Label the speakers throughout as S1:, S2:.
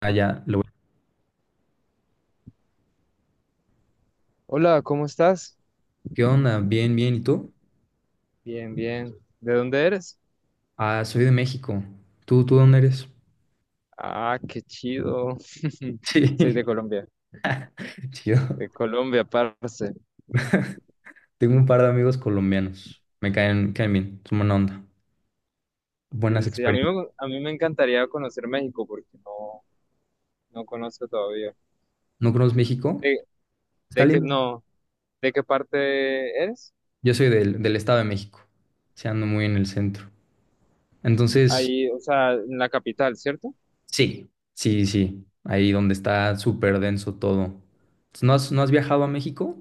S1: Ah, ya,
S2: Hola, ¿cómo estás?
S1: ¿Qué onda? Bien, bien. ¿Y tú?
S2: Bien, bien. ¿De dónde eres?
S1: Ah, soy de México. ¿Tú dónde eres?
S2: Ah, qué chido. Soy
S1: Sí, chido.
S2: De Colombia, parce.
S1: Tengo un par de amigos colombianos. Me caen bien. Son buena onda. Buenas
S2: Sí, sí, a mí
S1: experiencias.
S2: me, a mí me encantaría conocer México porque no conozco todavía.
S1: ¿No conoces México?
S2: ¿De,
S1: Está
S2: de qué,
S1: lindo.
S2: no, ¿De qué parte eres?
S1: Yo soy del Estado de México. Se ando muy en el centro. Entonces,
S2: Ahí, o sea, en la capital, ¿cierto?
S1: sí, sí, sí. Ahí donde está súper denso todo. ¿No has viajado a México?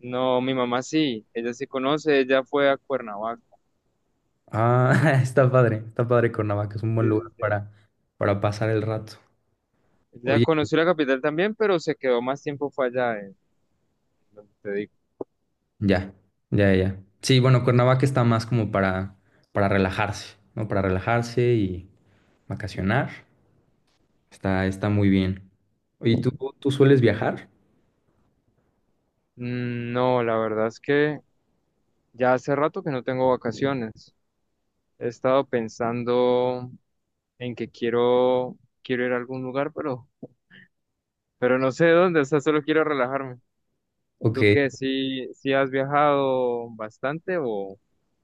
S2: No, mi mamá sí, ella sí conoce, ella fue a Cuernavaca.
S1: Ah, está padre. Está padre Cuernavaca. Es un
S2: Sí,
S1: buen lugar
S2: sí, sí.
S1: para pasar el rato.
S2: Ella
S1: Oye.
S2: conoció la capital también, pero se quedó más tiempo fue allá, en donde te digo.
S1: Ya, ya, ya. Sí, bueno, Cuernavaca está más como para relajarse, ¿no? Para relajarse y vacacionar. Está muy bien. Oye, ¿tú sueles viajar?
S2: No, la verdad es que ya hace rato que no tengo vacaciones. He estado pensando en que quiero, quiero ir a algún lugar, pero no sé dónde, o sea, solo quiero relajarme.
S1: Ok.
S2: ¿Tú qué? ¿Sí, sí has viajado bastante o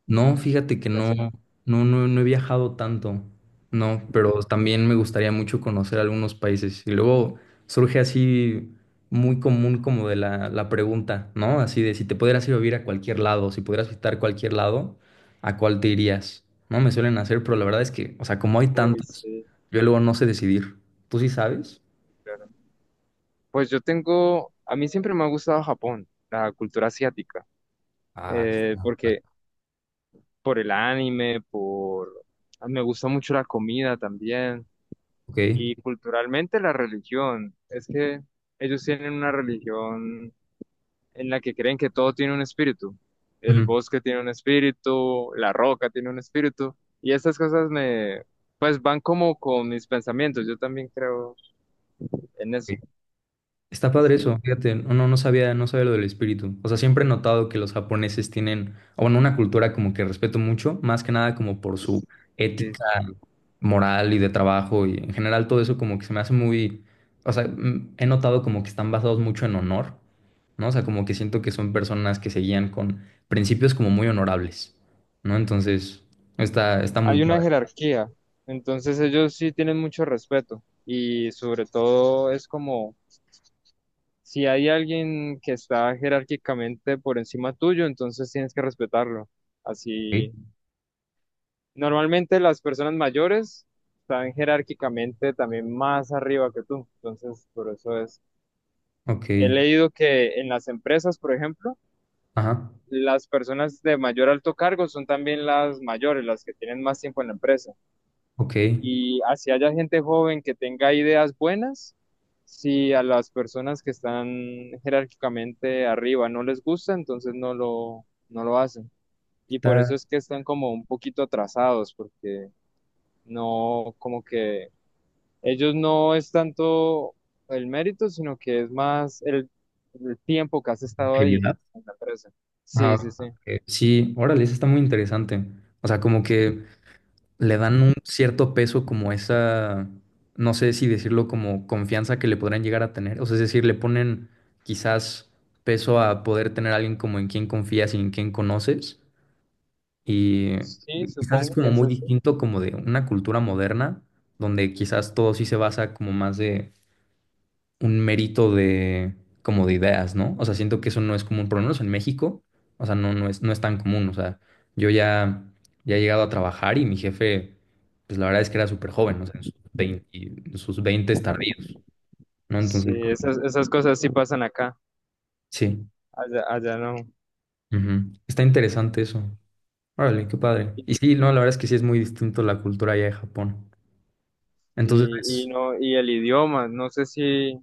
S1: No, fíjate que no,
S2: casi no?
S1: no he viajado tanto, no, pero también me gustaría mucho conocer algunos países. Y luego surge así muy común como de la pregunta, ¿no? Así de si te pudieras ir a vivir a cualquier lado, si pudieras visitar cualquier lado, ¿a cuál te irías? No, me suelen hacer, pero la verdad es que, o sea, como hay
S2: Uy,
S1: tantos,
S2: sí,
S1: yo luego no sé decidir. ¿Tú sí sabes?
S2: claro. Pues yo tengo, a mí siempre me ha gustado Japón, la cultura asiática,
S1: Ah, está.
S2: porque por el anime, por, me gusta mucho la comida también.
S1: Ok.
S2: Y culturalmente la religión, es que ellos tienen una religión en la que creen que todo tiene un espíritu. El
S1: Ujú.
S2: bosque tiene un espíritu, la roca tiene un espíritu. Y estas cosas me, pues van como con mis pensamientos. Yo también creo en
S1: Ok.
S2: eso.
S1: Está padre eso,
S2: Sí,
S1: fíjate, no sabía lo del espíritu. O sea, siempre he notado que los japoneses tienen, o bueno, una cultura como que respeto mucho, más que nada como por su
S2: sí,
S1: ética
S2: sí.
S1: moral y de trabajo y en general todo eso como que se me hace muy, o sea, he notado como que están basados mucho en honor, ¿no? O sea, como que siento que son personas que se guían con principios como muy honorables, ¿no? Entonces, está muy
S2: Hay una
S1: padre.
S2: jerarquía. Entonces ellos sí tienen mucho respeto. Y sobre todo es como, si hay alguien que está jerárquicamente por encima tuyo, entonces tienes que respetarlo así.
S1: Ok,
S2: Normalmente las personas mayores están jerárquicamente también más arriba que tú, entonces por eso es. He
S1: ok,
S2: leído que en las empresas, por ejemplo,
S1: ajá,
S2: las personas de mayor alto cargo son también las mayores, las que tienen más tiempo en la empresa.
S1: ok.
S2: Y así haya gente joven que tenga ideas buenas, si a las personas que están jerárquicamente arriba no les gusta, entonces no lo hacen. Y por eso
S1: Está
S2: es que están como un poquito atrasados, porque no como que ellos no es tanto el mérito, sino que es más el tiempo que has estado ahí
S1: evidente.
S2: en la empresa.
S1: Ah,
S2: Sí, sí, sí.
S1: ok. Sí, órale, eso está muy interesante. O sea, como que le dan un cierto peso como esa, no sé si decirlo como confianza que le podrían llegar a tener. O sea, es decir, le ponen quizás peso a poder tener a alguien como en quien confías y en quien conoces. Y
S2: Sí,
S1: quizás es
S2: supongo que
S1: como
S2: es
S1: muy
S2: así.
S1: distinto como de una cultura moderna, donde quizás todo sí se basa como más de un mérito de como de ideas, ¿no? O sea, siento que eso no es común, por lo menos en México, o sea, no es tan común, o sea, yo ya he llegado a trabajar y mi jefe, pues la verdad es que era súper joven, o sea, en sus 20 tardíos, ¿no?
S2: Sí,
S1: Entonces,
S2: esas, esas cosas sí pasan acá,
S1: sí,
S2: allá, allá no.
S1: ujú. Está interesante eso. Órale, qué padre. Y sí, no, la verdad es que sí es muy distinto la cultura allá de Japón. Entonces,
S2: Y el idioma, no sé si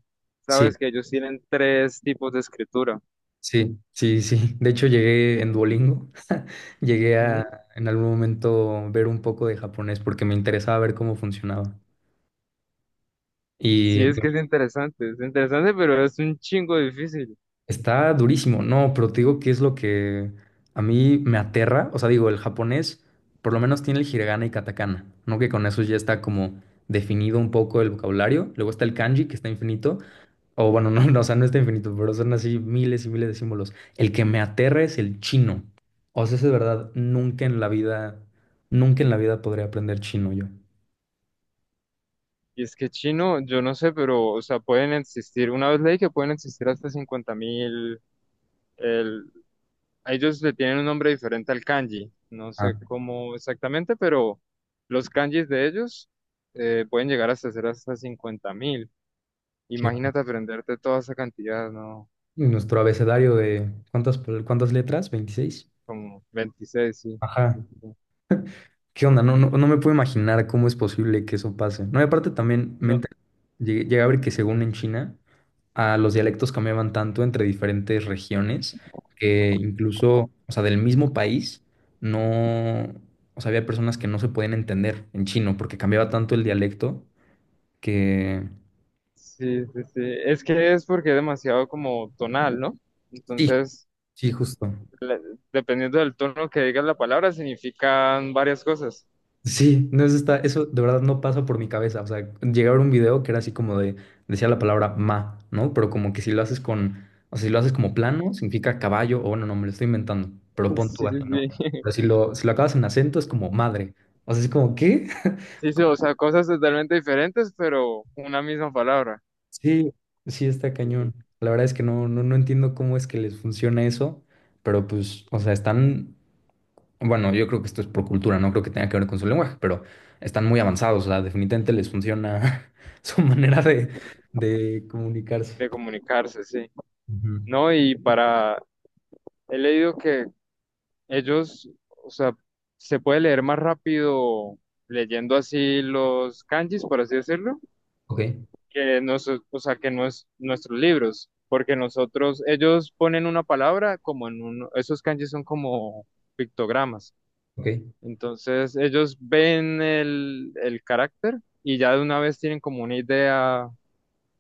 S1: sí,
S2: sabes que ellos tienen tres tipos de escritura.
S1: sí, sí, sí. De hecho, llegué en Duolingo. Llegué
S2: Ujú.
S1: a en algún momento ver un poco de japonés porque me interesaba ver cómo funcionaba.
S2: Sí,
S1: Y
S2: es que es interesante, pero es un chingo difícil.
S1: está durísimo, no, pero te digo que es lo que a mí me aterra. O sea, digo, el japonés por lo menos tiene el hiragana y katakana, ¿no? Que con eso ya está como definido un poco el vocabulario. Luego está el kanji, que está infinito. O bueno, o sea, no está infinito, pero son así miles y miles de símbolos. El que me aterra es el chino. O sea, ese de verdad, nunca en la vida, nunca en la vida podría aprender chino yo.
S2: Y es que chino, yo no sé, pero, o sea, pueden existir, una vez leí que pueden existir hasta 50.000. El, Ellos le tienen un nombre diferente al kanji, no
S1: Ah,
S2: sé cómo exactamente, pero los kanjis de ellos, pueden llegar hasta ser hasta 50.000.
S1: qué va.
S2: Imagínate aprenderte toda esa cantidad, ¿no?
S1: Nuestro abecedario de, ¿ cuántas letras? 26.
S2: Como 26 sí.
S1: Ajá.
S2: Sí, sí, sí.
S1: ¿Qué onda? No, no me puedo imaginar cómo es posible que eso pase. No, y aparte también
S2: No,
S1: llegué a ver que según en China, a los dialectos cambiaban tanto entre diferentes regiones que incluso, o sea, del mismo país, no, o sea, había personas que no se podían entender en chino porque cambiaba tanto el dialecto que.
S2: sí, sí, sí. Es que es porque es demasiado como tonal, ¿no?
S1: Sí,
S2: Entonces,
S1: sí, justo.
S2: le- Dependiendo del tono que digas la palabra, significan varias cosas.
S1: Sí, no, eso eso de verdad no pasa por mi cabeza. O sea, llegué a ver un video que era así como de, decía la palabra ma, ¿no? Pero como que si lo haces con, o sea, si lo haces como plano, significa caballo, o bueno, no, me lo estoy inventando, pero pon tú
S2: Sí, sí,
S1: así, ¿no?
S2: sí.
S1: Pero si lo, si lo acabas en acento es como madre. O sea, es como, ¿qué?
S2: Sí, sí, o sea, cosas totalmente diferentes, pero una misma palabra.
S1: Sí, sí está
S2: De
S1: cañón. La verdad es que no entiendo cómo es que les funciona eso, pero pues, o sea, están Bueno, yo creo que esto es por cultura, no creo que tenga que ver con su lenguaje, pero están muy avanzados, o sea, definitivamente les funciona su manera de comunicarse.
S2: comunicarse, sí.
S1: Ujú.
S2: No, y para, he leído que ellos, o sea, se puede leer más rápido leyendo así los kanjis, por así decirlo,
S1: Ok,
S2: que nosotros, o sea, que nuestros libros, porque nosotros, ellos ponen una palabra como en uno, esos kanjis son como pictogramas.
S1: ok.
S2: Entonces ellos ven el carácter y ya de una vez tienen como una idea.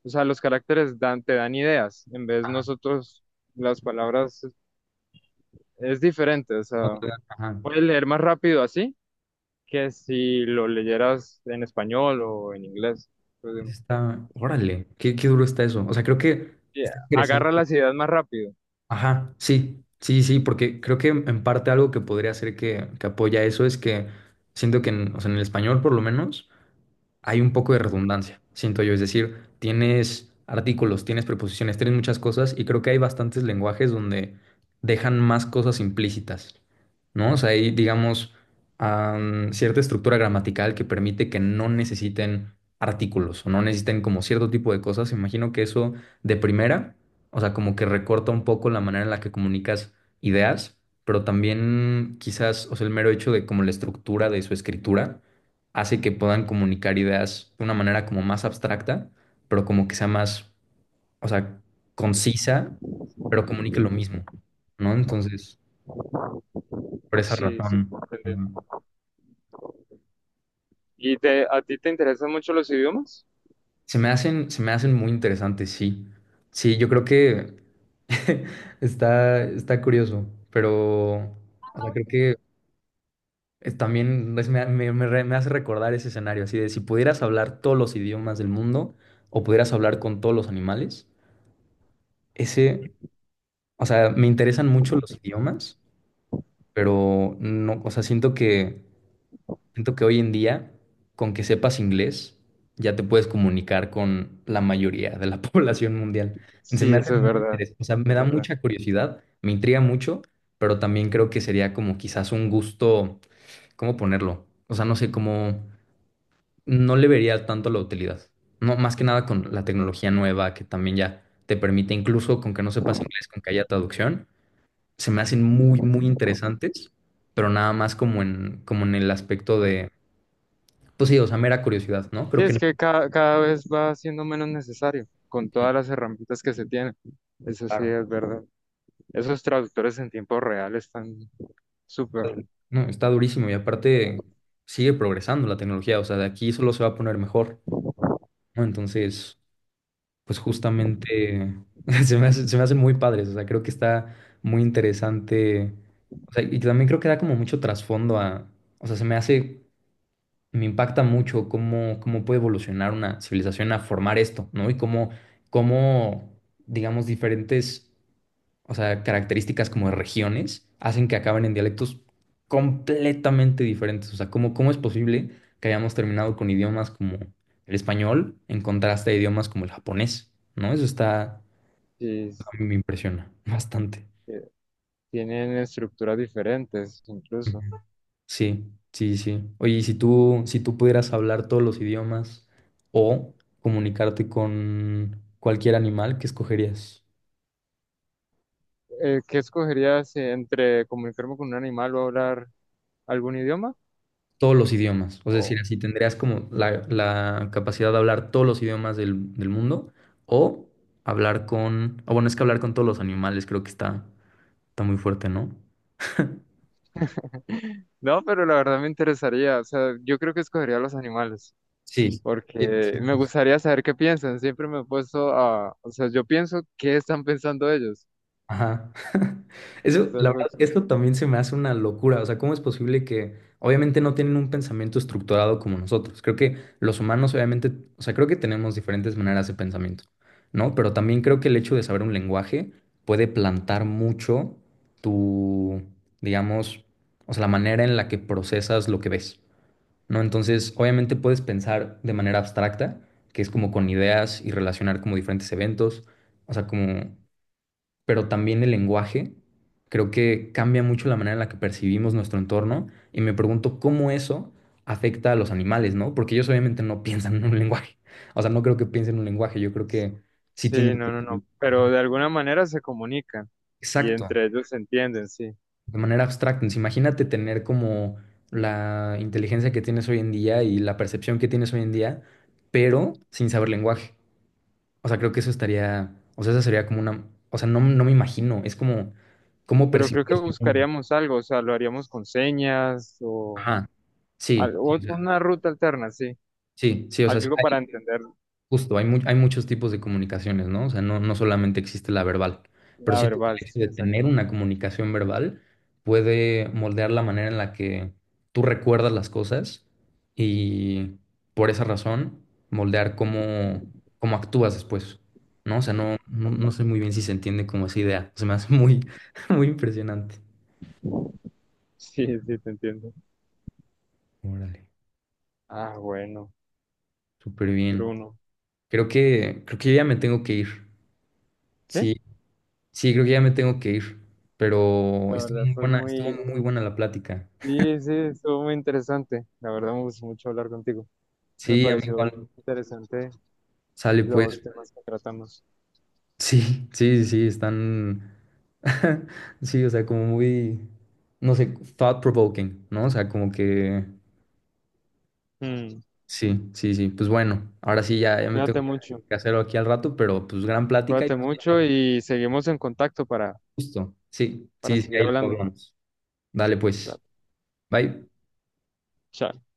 S2: O sea, los caracteres dan, te dan ideas. En vez
S1: Ajá,
S2: nosotros, las palabras es diferente. O sea,
S1: otra, ajá.
S2: puedes leer más rápido así que si lo leyeras en español o en inglés.
S1: Eso
S2: Entonces,
S1: está, órale, qué duro está eso. O sea, creo que
S2: yeah,
S1: está
S2: agarra
S1: interesante.
S2: las ideas más rápido.
S1: Ajá, sí, sí, sí, porque creo que en parte algo que podría hacer que apoya eso es que siento que en, o sea, en el español por lo menos. Hay un poco de redundancia, siento yo. Es decir, tienes artículos, tienes preposiciones, tienes muchas cosas y creo que hay bastantes lenguajes donde dejan más cosas implícitas, ¿no? O sea, hay, digamos, cierta estructura gramatical que permite que no necesiten artículos o no necesiten como cierto tipo de cosas. Imagino que eso de primera, o sea, como que recorta un poco la manera en la que comunicas ideas. Pero también quizás, o sea, el mero hecho de como la estructura de su escritura, hace que puedan comunicar ideas de una manera como más abstracta, pero como que sea más, o sea, concisa, pero comunique lo mismo, ¿no? Entonces, por esa
S2: Sí, sí,
S1: razón, ujú.
S2: entendemos. ¿Y te, a ti te interesan mucho los idiomas?
S1: Se me hacen muy interesantes, sí. Sí, yo creo que está curioso, pero, o sea, creo que es también me hace recordar ese escenario, así de si pudieras hablar todos los idiomas del mundo o pudieras hablar con todos los animales, ese... O sea, me interesan mucho los idiomas, pero no, o sea, siento que hoy en día, con que sepas inglés, ya te puedes comunicar con la mayoría de la población mundial. Se
S2: Sí,
S1: me hace
S2: eso es
S1: muy
S2: verdad.
S1: interesante, o sea, me
S2: Es
S1: da
S2: verdad.
S1: mucha curiosidad, me intriga mucho, pero también creo que sería como quizás un gusto, ¿cómo ponerlo? O sea, no sé cómo, no le vería tanto la utilidad. No, más que nada con la tecnología nueva que también ya te permite, incluso con que no sepas inglés, con que haya traducción se me hacen muy, muy interesantes, pero nada más como en, como en el aspecto de, pues sí, o sea, mera curiosidad, ¿no?
S2: Sí,
S1: Creo que
S2: es
S1: no.
S2: que cada vez va siendo menos necesario con todas las herramientas que se tienen. Eso sí
S1: Claro.
S2: es verdad. Esos traductores en tiempo real están súper.
S1: No, está durísimo y aparte sigue progresando la tecnología, o sea, de aquí solo se va a poner mejor, ¿no? Entonces, pues justamente se me hacen muy padres, o sea, creo que está muy interesante, o sea, y también creo que da como mucho trasfondo a, o sea, se me hace me impacta mucho cómo puede evolucionar una civilización a formar esto, ¿no? Y cómo, digamos, diferentes, o sea, características como de regiones hacen que acaben en dialectos completamente diferentes. O sea, cómo es posible que hayamos terminado con idiomas como el español en contraste a idiomas como el japonés, ¿no? Eso está,
S2: Sí,
S1: a mí me impresiona bastante.
S2: eh, tienen estructuras diferentes incluso.
S1: Ujú. Sí, sí, sí. Oye, y si tú pudieras hablar todos los idiomas o comunicarte con cualquier animal, ¿qué escogerías?
S2: ¿Qué escogerías entre comunicarme con un animal o hablar algún idioma?
S1: Todos los idiomas. O sea, es decir, así tendrías como la capacidad de hablar todos los idiomas del mundo o O bueno, es que hablar con todos los animales creo que está muy fuerte, ¿no?
S2: No, pero la verdad me interesaría. O sea, yo creo que escogería los animales,
S1: Sí,
S2: porque me gustaría saber qué piensan. Siempre me he puesto a, o sea, yo pienso qué están pensando ellos.
S1: ajá. Eso,
S2: Es
S1: la
S2: algo
S1: verdad,
S2: ch-
S1: esto también se me hace una locura. O sea, ¿cómo es posible que obviamente no tienen un pensamiento estructurado como nosotros? Creo que los humanos, obviamente, o sea, creo que tenemos diferentes maneras de pensamiento, ¿no? Pero también creo que el hecho de saber un lenguaje puede plantar mucho tu, digamos, o sea, la manera en la que procesas lo que ves, ¿no? Entonces, obviamente puedes pensar de manera abstracta, que es como con ideas y relacionar como diferentes eventos. O sea, como pero también el lenguaje. Creo que cambia mucho la manera en la que percibimos nuestro entorno y me pregunto cómo eso afecta a los animales, ¿no? Porque ellos obviamente no piensan en un lenguaje. O sea, no creo que piensen en un lenguaje, yo creo que sí
S2: Sí,
S1: tienen...
S2: no, no, no. Pero de alguna manera se comunican y
S1: Exacto,
S2: entre ellos se entienden, sí.
S1: de manera abstracta. Entonces, imagínate tener como la inteligencia que tienes hoy en día y la percepción que tienes hoy en día, pero sin saber lenguaje. O sea, creo que eso estaría, o sea, esa sería como una, o sea, no, no me imagino, es como, ¿cómo
S2: Pero
S1: percibes?
S2: creo que buscaríamos algo, o sea, lo haríamos con señas o
S1: Ajá. Sí, sí, o sea,
S2: Una ruta alterna, sí.
S1: sí, sí, o sea, sí,
S2: Algo para entender
S1: justo, hay muchos tipos de comunicaciones, ¿no? O sea, no solamente existe la verbal, pero
S2: la
S1: siento que
S2: verbal,
S1: el hecho
S2: sí,
S1: de tener
S2: exacto.
S1: una comunicación verbal puede moldear la manera en la que tú recuerdas las cosas y por esa razón moldear cómo actúas después, ¿no? O sea, no sé muy bien si se entiende como esa idea, se me hace muy, muy impresionante.
S2: Sí, sí, te entiendo.
S1: Órale,
S2: Ah, bueno,
S1: súper bien.
S2: Bruno.
S1: Creo que yo ya me tengo que ir.
S2: Sí,
S1: Sí, sí, creo que ya me tengo que ir, pero
S2: la
S1: estuvo
S2: verdad
S1: muy
S2: fue
S1: buena, estuvo
S2: muy...
S1: muy buena la plática.
S2: Sí, sí, estuvo muy interesante. La verdad me gustó mucho hablar contigo. Me
S1: Sí, a mí
S2: pareció
S1: igual
S2: interesante
S1: sale pues.
S2: los temas que tratamos.
S1: Sí, sí, sí, están, sí, o sea, como muy, no sé, thought provoking, ¿no? O sea, como que,
S2: Mm,
S1: sí, sí, sí, pues bueno, ahora sí ya me
S2: Cuídate
S1: tengo que
S2: mucho,
S1: hacerlo aquí al rato, pero pues gran plática y
S2: cuídate
S1: pues ahí
S2: mucho
S1: estamos
S2: y seguimos en contacto
S1: justo. Sí,
S2: para
S1: sí, sí,
S2: seguir
S1: ahí lo
S2: hablando.
S1: hablamos. Dale pues,
S2: Dale,
S1: bye.
S2: chao.